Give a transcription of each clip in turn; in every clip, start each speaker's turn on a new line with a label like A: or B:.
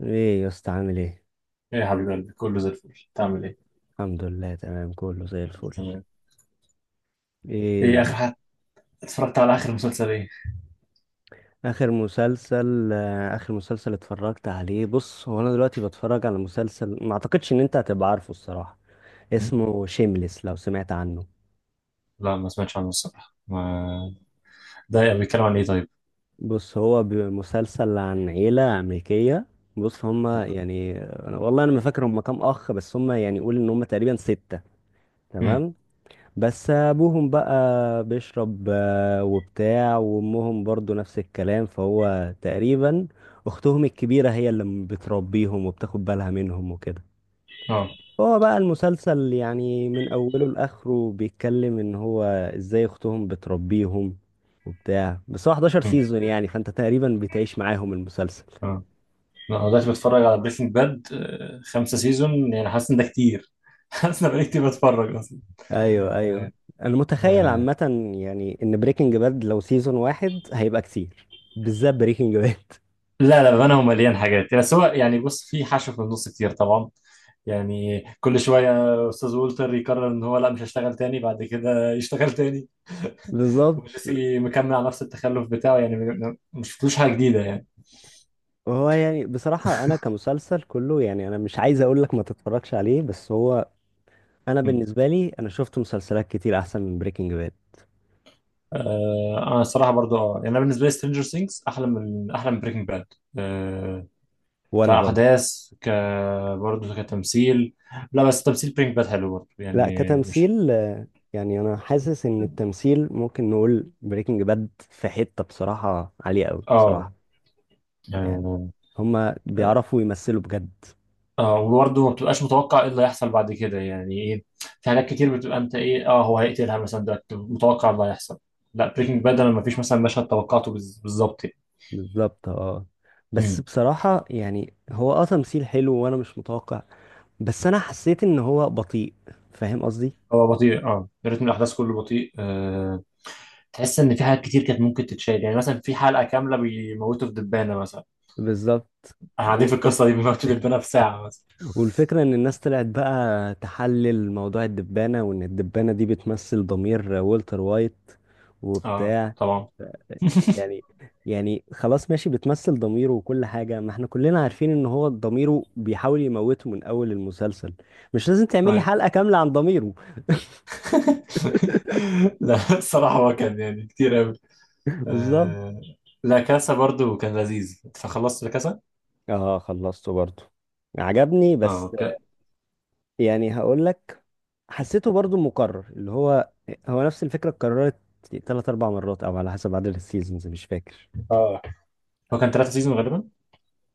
A: ايه يا اسطى، عامل ايه؟
B: ايه يا حبيب قلبي، كله زي الفل. تعمل ايه؟
A: الحمد لله، تمام، كله زي الفل.
B: تمام. ايه
A: ايه
B: اخر حد اتفرجت على اخر مسلسل؟ ايه؟
A: اخر مسلسل؟ اخر مسلسل اتفرجت عليه، بص هو انا دلوقتي بتفرج على مسلسل ما اعتقدش ان انت هتبقى عارفه الصراحة.
B: مم.
A: اسمه شيمليس، لو سمعت عنه.
B: لا ما سمعتش عنه الصراحة ما. ده بيتكلم عن ايه طيب؟
A: بص هو مسلسل عن عيلة امريكية. بص هما يعني، والله انا ما فاكر هما كام اخ، بس هما يعني قول ان هما تقريبا ستة.
B: مم.
A: تمام. بس ابوهم بقى بيشرب وبتاع، وامهم برضو نفس الكلام، فهو تقريبا اختهم الكبيرة هي اللي بتربيهم وبتاخد بالها منهم وكده.
B: اه.
A: هو بقى المسلسل يعني من اوله لاخره بيتكلم ان هو ازاي اختهم بتربيهم وبتاع، بس هو 11
B: مم.
A: سيزون يعني، فانت تقريبا بتعيش معاهم المسلسل.
B: اه. لا، انا دلوقتي بتفرج على بريكنج باد. خمسة سيزون يعني حاسس ان ده كتير. حاسس ان بقالي كتير بتفرج اصلا.
A: ايوه، ايوه.
B: آه.
A: انا متخيل
B: آه.
A: عامة يعني ان بريكنج باد لو سيزون واحد هيبقى كتير، بالذات بريكنج باد.
B: لا لا بامانه هو مليان حاجات، بس هو يعني بص، في حشو في النص كتير طبعا. يعني كل شويه استاذ وولتر يقرر ان هو لا مش هشتغل تاني، بعد كده يشتغل تاني.
A: بالظبط.
B: وجيسي مكمل على نفس التخلف بتاعه يعني مش شفتلوش حاجه جديده يعني.
A: هو يعني بصراحة أنا كمسلسل كله، يعني أنا مش عايز أقول لك ما تتفرجش عليه، بس هو أنا
B: م.
A: بالنسبة لي، أنا شفت مسلسلات كتير أحسن من بريكنج باد.
B: آه انا الصراحه برضو اه يعني انا بالنسبه لي سترينجر ثينجز احلى من بريكنج باد. آه.
A: وأنا برضه.
B: كاحداث برضو كتمثيل. لا بس تمثيل بريكنج باد حلو برضو،
A: لا،
B: يعني مش.
A: كتمثيل. يعني أنا حاسس إن التمثيل ممكن نقول بريكنج باد في حتة بصراحة عالية أوي،
B: اه.
A: بصراحة يعني
B: اه.
A: هما بيعرفوا يمثلوا بجد.
B: آه، وبرضه ما بتبقاش متوقع ايه اللي هيحصل بعد كده، يعني ايه؟ في حاجات كتير بتبقى انت ايه، اه هو هيقتلها مثلا، ده متوقع اللي هيحصل. لا بريكنج باد انا ما فيش مثلا مشهد توقعته بالظبط.
A: بالظبط، اه. بس
B: يعني.
A: بصراحة يعني هو تمثيل حلو وأنا مش متوقع، بس أنا حسيت إن هو بطيء. فاهم قصدي؟
B: هو بطيء رتم الاحداث كله بطيء آه. تحس ان في حاجات كتير كانت ممكن تتشال، يعني مثلا في حلقه كامله بيموتوا في دبانه مثلا.
A: بالظبط.
B: احنا قاعدين في القصه دي بيموتوا دبانه في ساعه مثلا.
A: والفكرة إن الناس طلعت بقى تحلل موضوع الدبانة، وإن الدبانة دي بتمثل ضمير والتر وايت
B: اه
A: وبتاع،
B: طبعا.
A: يعني يعني خلاص ماشي، بتمثل ضميره وكل حاجة، ما احنا كلنا عارفين إن هو ضميره بيحاول يموته من أول المسلسل، مش لازم تعمل لي
B: ايوه.
A: حلقة كاملة عن ضميره.
B: لا الصراحه هو كان يعني كتير قوي.
A: بالظبط،
B: آه. لا كاسا برضو كان لذيذ، فخلصت لا كاسا.
A: اه. خلصته برضو، عجبني
B: اه
A: بس.
B: اوكي.
A: يعني هقول لك، حسيته برضو مكرر، اللي هو نفس الفكرة اتكررت تلات أربع مرات أو على حسب عدد السيزونز، مش فاكر.
B: اه هو كان ثلاثة سيزون غالبا.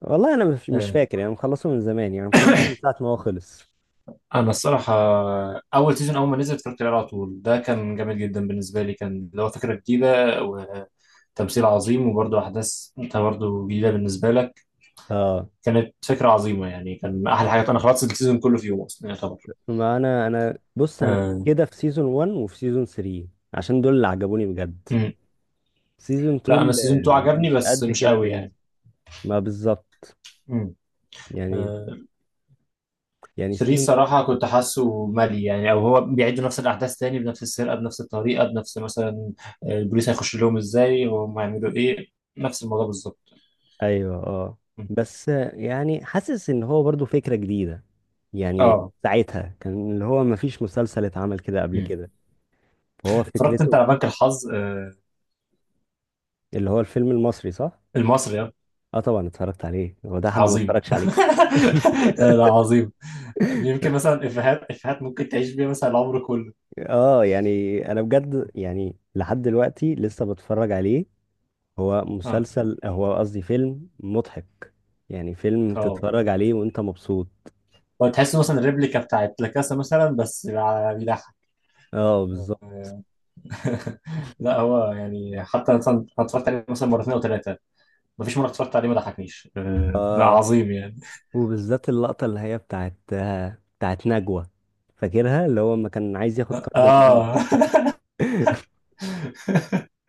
A: والله انا مش
B: آه.
A: فاكر يعني، مخلصه من زمان، يعني مخلصه من ساعه ما هو خلص.
B: انا الصراحه اول سيزون اول ما نزل اتفرجت عليه على طول، ده كان جامد جدا بالنسبه لي، كان اللي هو فكره جديده، تمثيل عظيم، وبرضه أحداث أنت برضه جديدة بالنسبة لك.
A: اه.
B: كانت فكرة عظيمة يعني، كان أحلى حاجة، أنا خلصت السيزون كله في يوم أصلا يعتبر.
A: ما انا بص، انا
B: آه.
A: كده في سيزون 1 وفي سيزون 3، عشان دول اللي عجبوني بجد.
B: مم.
A: سيزون
B: لا أنا
A: 2
B: السيزون 2
A: ما
B: عجبني
A: كانش
B: بس
A: قد
B: مش
A: كده
B: قوي
A: بالنسبه.
B: يعني.
A: ما بالظبط.
B: مم.
A: يعني
B: آه.
A: يعني
B: 3
A: سيزون.
B: صراحة كنت حاسه مالي يعني، أو هو بيعيد نفس الأحداث تاني بنفس السرقة بنفس الطريقة بنفس مثلا، آه، البوليس هيخش لهم إزاي وهم هيعملوا إيه، نفس الموضوع بالظبط.
A: ايوه، اه.
B: مم.
A: بس يعني حاسس ان هو برضو فكره جديده، يعني
B: أه.
A: ساعتها كان اللي هو ما فيش مسلسل اتعمل كده قبل
B: مم.
A: كده، فهو
B: اتفرجت أنت
A: فكرته.
B: على بنك الحظ؟ آه،
A: اللي هو الفيلم المصري، صح؟
B: المصري، آه.
A: اه طبعا اتفرجت عليه، هو ده حد ما
B: عظيم.
A: اتفرجش عليه؟
B: لا لا عظيم. يمكن مثلا افيهات افيهات ممكن تعيش بيها مثلا العمر كله.
A: اه يعني انا بجد يعني لحد دلوقتي لسه بتفرج عليه، هو
B: اه.
A: مسلسل، هو قصدي فيلم مضحك، يعني فيلم
B: اه.
A: تتفرج عليه وانت مبسوط.
B: هو تحس مثلا الريبليكا بتاعت لاكاسا مثلا، بس بيضحك.
A: اه بالظبط.
B: آه. لا هو يعني حتى مثلا أنا اتفرجت عليه مثلا مرتين او ثلاثه، مفيش مره اتفرجت عليه ما ضحكنيش آه. لا
A: اه،
B: عظيم يعني.
A: وبالذات اللقطة اللي هي بتاعت نجوى، فاكرها اللي هو لما كان عايز ياخد قرض من
B: اه.
A: البنك.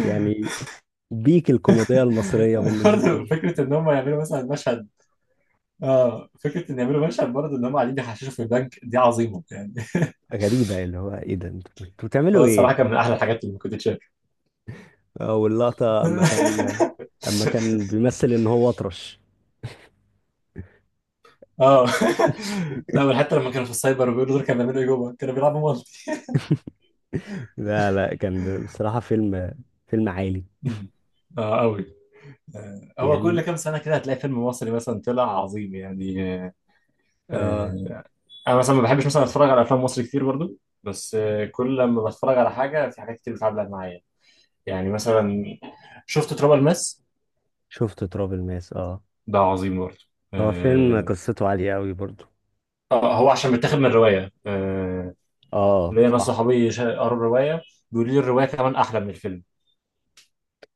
A: يعني بيك الكوميديا المصرية بالنسبة
B: برضه
A: لي.
B: فكره ان هم يعملوا مثلا مشهد، اه فكره ان يعملوا مشهد برضه ان هم قاعدين بيحششوا في البنك، دي عظيمه يعني.
A: غريبة، اللي هو ايه ده، انتوا بتعملوا
B: هو
A: ايه؟
B: الصراحه كان من احلى الحاجات اللي ممكن تتشاف.
A: اه، واللقطة اما كان اما كان بيمثل ان هو اطرش.
B: اه. لا بل حتى لما كانوا في السايبر بيقولوا دول كانوا بيعملوا ايه جوه، كانوا بيلعبوا مالتي.
A: لا، لا، كان بصراحة فيلم عالي،
B: مم. اه قوي. آه، هو كل
A: يعني
B: كام سنه كده هتلاقي فيلم مصري مثلا طلع عظيم يعني، آه،
A: اه.
B: آه، انا مثلا ما بحبش مثلا اتفرج على افلام مصري كتير برضو، بس آه، كل لما بتفرج على حاجه في حاجات كتير بتعلق معايا. يعني مثلا شفت تراب الماس،
A: شفت تراب الماس، اه،
B: ده عظيم برضو.
A: هو فيلم
B: اه.
A: قصته عالية قوي برضو.
B: آه، هو عشان متاخد من روايه، آه،
A: اه
B: ليا ناس
A: صح.
B: صحابي قروا الروايه، بيقولوا لي الروايه كمان احلى من الفيلم.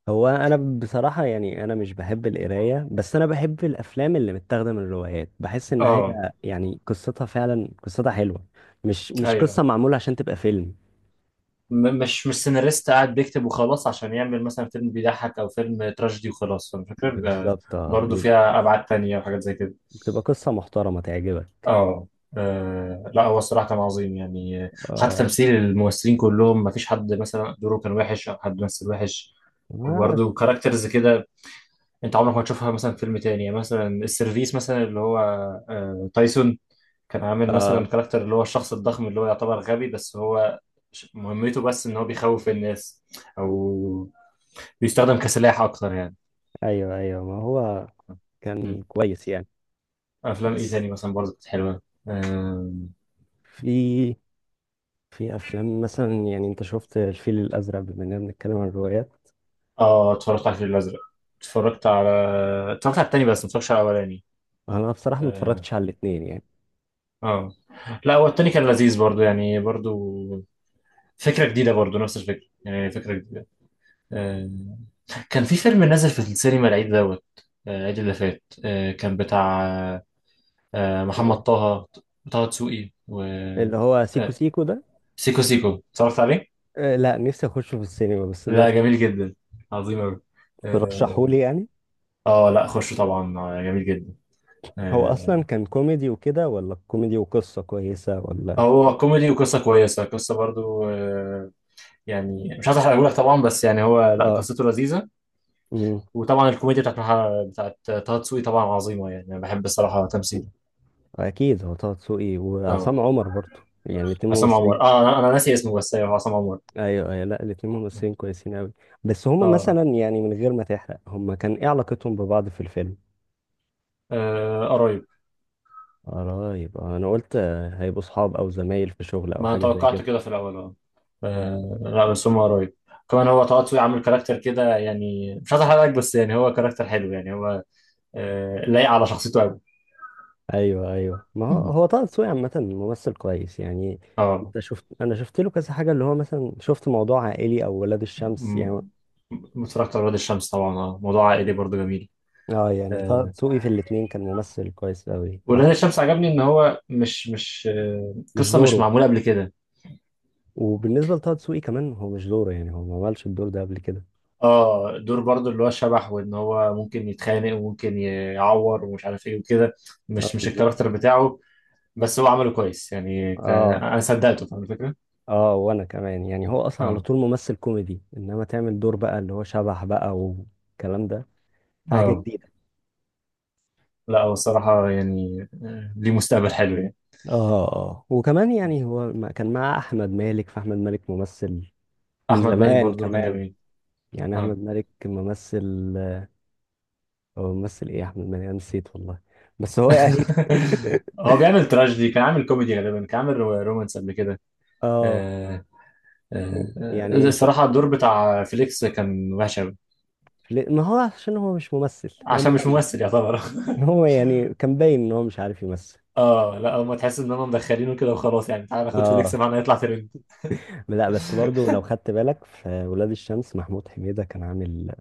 A: هو انا بصراحة يعني انا مش بحب القراية، بس انا بحب الافلام اللي متاخدة من الروايات، بحس ان
B: اه.
A: هي يعني قصتها فعلا قصتها حلوة، مش
B: ايوه.
A: قصة معمولة عشان تبقى فيلم.
B: مش سيناريست قاعد بيكتب وخلاص عشان يعمل مثلا فيلم بيضحك او فيلم تراجيدي وخلاص، فالفكرة بيبقى
A: بالظبط، اه،
B: برضه
A: بيبقى
B: فيها ابعاد تانية وحاجات زي كده.
A: بتبقى قصة محترمة تعجبك.
B: اه. آه، لا هو الصراحة كان عظيم يعني، آه، حتى
A: اه،
B: تمثيل الممثلين كلهم، ما فيش حد مثلا دوره كان وحش أو حد مثل وحش.
A: بس.
B: وبرضه كاركترز كده أنت عمرك ما تشوفها مثلا في فيلم تاني، يعني مثلا السيرفيس مثلا اللي هو آه، تايسون، كان عامل مثلا كاركتر اللي هو الشخص الضخم اللي هو يعتبر غبي، بس هو مهمته بس ان هو بيخوف الناس او بيستخدم كسلاح اكتر يعني.
A: ايوه، ايوه، ما هو
B: مم.
A: كان كويس يعني.
B: افلام ايه
A: بس
B: تاني مثلا برضه كانت حلوه؟ آم،
A: في في افلام مثلا يعني، انت شفت الفيل الازرق بما اننا بنتكلم عن الروايات؟
B: اه اتفرجت على الفيل الازرق. اتفرجت على اتفرجت على التاني، بس ما اتفرجتش على الاولاني.
A: انا بصراحه ما
B: اه.
A: اتفرجتش على الاثنين يعني.
B: آه. لا هو التاني كان لذيذ برضه يعني، برضه فكره جديده، برضه نفس الفكره يعني، فكره جديده. آه. كان في فيلم نازل في السينما العيد دوت، آه، العيد اللي فات، آه، كان بتاع آه، محمد
A: آه،
B: طه، طه دسوقي و،
A: اللي هو سيكو
B: آه،
A: سيكو ده،
B: سيكو سيكو، اتفرجت عليه؟
A: لا نفسي اخشه في السينما، بس
B: لا
A: دلوقتي
B: جميل جدا، عظيم أوي.
A: ترشحوا
B: اه.
A: لي يعني.
B: آه، لا خش طبعا، آه، جميل جدا،
A: هو اصلا
B: آه،
A: كان كوميدي وكده، ولا كوميدي وقصه كويسه ولا؟
B: هو كوميدي وقصة كويسة، قصة برضو آه، يعني مش عايز احرقهولك طبعا، بس يعني هو لا
A: اه،
B: قصته لذيذة.
A: امم
B: وطبعا الكوميديا بتاعت بتاعت طه دسوقي طبعا عظيمة يعني، انا بحب الصراحة تمثيله.
A: اكيد هو طه دسوقي
B: اه.
A: وعصام عمر برضه، يعني الاتنين
B: عصام عمر،
A: ممثلين.
B: اه انا ناسي اسمه، بس ايوه هو عصام عمر.
A: ايوه، ايوه، لا الاتنين ممثلين كويسين قوي. بس هما
B: اه.
A: مثلا يعني من غير ما تحرق، هما كان ايه علاقتهم ببعض في الفيلم؟
B: آه، قريب.
A: قرايب. انا قلت هيبقوا صحاب او زمايل في شغل او
B: ما انا
A: حاجه زي
B: توقعت
A: كده.
B: كده في الاول، اه، آه، لا بس هم قريب. كمان هو طه دسوقي عامل كاركتر كده يعني، مش عايز احرقك بس يعني، هو كاركتر حلو يعني هو آه، لايق على شخصيته قوي.
A: ايوه، ايوه، ما هو طه دسوقي عامه ممثل كويس يعني.
B: اه.
A: انت شفت انا شفت له كذا حاجه، اللي هو مثلا شفت موضوع عائلي او ولاد الشمس يعني.
B: م- اتفرجت على ولاد الشمس طبعا، اه موضوع عائلي برضه جميل.
A: اه، يعني طه
B: آه،
A: دسوقي في الاتنين كان ممثل كويس قوي،
B: ولاد
A: وحتى
B: الشمس عجبني ان هو مش آه،
A: مش
B: قصه مش
A: دوره،
B: معموله قبل كده.
A: وبالنسبه لطه دسوقي كمان هو مش دوره، يعني هو ما عملش الدور ده قبل كده.
B: اه دور برضه اللي هو شبح، وان هو ممكن يتخانق وممكن يعور ومش عارف ايه وكده، مش
A: اه
B: مش
A: بالظبط،
B: الكاركتر بتاعه، بس هو عمله كويس يعني
A: اه.
B: انا صدقته، فاهم الفكره.
A: اه، وانا كمان يعني هو اصلا على
B: اه.
A: طول ممثل كوميدي، انما تعمل دور بقى اللي هو شبح بقى والكلام ده، في حاجه
B: اه.
A: جديده.
B: لا هو الصراحه يعني، آه، ليه مستقبل حلو يعني.
A: اه، اه، وكمان يعني هو كان مع احمد مالك، فاحمد مالك ممثل من
B: احمد مالك
A: زمان
B: برضه دوره كان
A: كمان،
B: جميل.
A: يعني
B: اه.
A: احمد مالك ممثل، هو ممثل ايه احمد مالك، انا نسيت والله، بس هو يعني.
B: هو بيعمل تراجيدي، كان عامل كوميدي غالبا، كان عامل رومانس قبل كده.
A: اه
B: آه. آه. آه،
A: يعني شوف،
B: الصراحه الدور بتاع فيليكس كان وحش قوي،
A: ما هو عشان هو مش ممثل، هو
B: عشان مش
A: مغني.
B: ممثل يعتبر.
A: هو يعني كان باين ان هو مش عارف يمثل.
B: اه لا هما تحس ان هم مدخلينه كده وخلاص، يعني تعالى ناخد فيليكس
A: اه،
B: معانا يطلع ترند.
A: لا بس برضو لو خدت بالك في ولاد الشمس، محمود حميدة كان عامل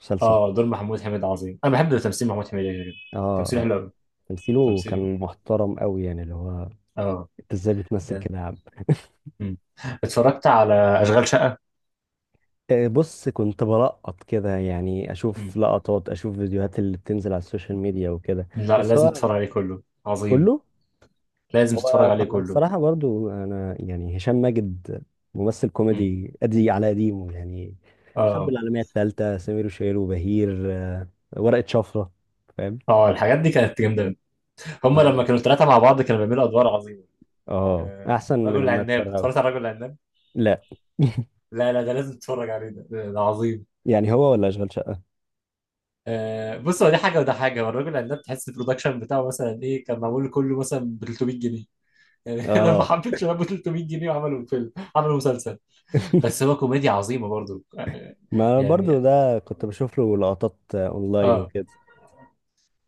A: مسلسل ده.
B: اه دور محمود حميد عظيم، انا بحب تمثيل محمود حميد جدا.
A: اه،
B: تمثيله
A: آه،
B: حلو قوي.
A: تمثيله
B: تمثيله.
A: كان محترم قوي، يعني اللي هو
B: اه.
A: انت ازاي بتمثل كده يا عم؟
B: مم. اتفرجت على أشغال شقة؟
A: بص كنت بلقط كده يعني، اشوف
B: مم.
A: لقطات، اشوف فيديوهات اللي بتنزل على السوشيال ميديا وكده.
B: لا
A: بس
B: لازم
A: هو
B: تتفرج عليه، كله عظيم.
A: كله،
B: لازم
A: هو
B: تتفرج عليه
A: هو
B: كله.
A: بصراحة برضو انا يعني هشام ماجد ممثل
B: مم.
A: كوميدي، ادي على قديمه يعني، الحرب
B: اه.
A: العالمية الثالثة، سمير وشهير وبهير، ورقة شفرة، فاهم؟
B: اه الحاجات دي كانت جامدة أوي. هما
A: اه،
B: لما كانوا الثلاثة مع بعض كانوا بيعملوا أدوار عظيمة.
A: اه،
B: آه.
A: احسن
B: رجل
A: من اما
B: العناب،
A: تسرعه.
B: اتفرجت على رجل العناب؟
A: لا.
B: لا لا ده لازم تتفرج عليه، ده عظيم.
A: يعني هو ولا اشغال شقة؟
B: آه بص، هو دي حاجة وده حاجة، هو الرجل العناب تحس البرودكشن بتاعه مثلا إيه، كان معمول كله مثلا ب 300 جنيه يعني، لما
A: اه.
B: حبيت شباب ب 300 جنيه وعملوا الفيلم، عملوا مسلسل، بس هو كوميديا عظيمة برضه آه،
A: ما
B: يعني.
A: برضو ده كنت بشوف له لقطات اونلاين
B: اه.
A: وكده.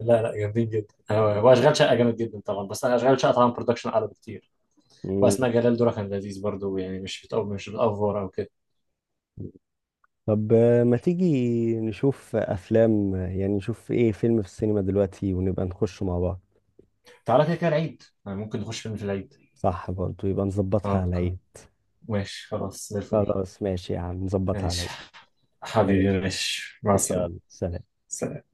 B: لا لا جامدين جدا، واشغال شقه جامد جدا طبعا، بس انا اشغال شقه طبعا برودكشن اعلى بكتير.
A: مم.
B: واسماء جلال دورها كان لذيذ برضو يعني، مش بتأفور او كده.
A: طب ما تيجي نشوف افلام، يعني نشوف ايه فيلم في السينما دلوقتي ونبقى نخشه مع بعض.
B: تعالى كده كده العيد، يعني ممكن نخش فيلم في العيد.
A: صح، برضه يبقى نظبطها على
B: اه
A: العيد.
B: ماشي خلاص زي الفل.
A: خلاص ماشي يا عم، نظبطها على
B: ماشي
A: العيد.
B: حبيبي،
A: ماشي.
B: ماشي مع السلامه.
A: يلا سلام.
B: سلام.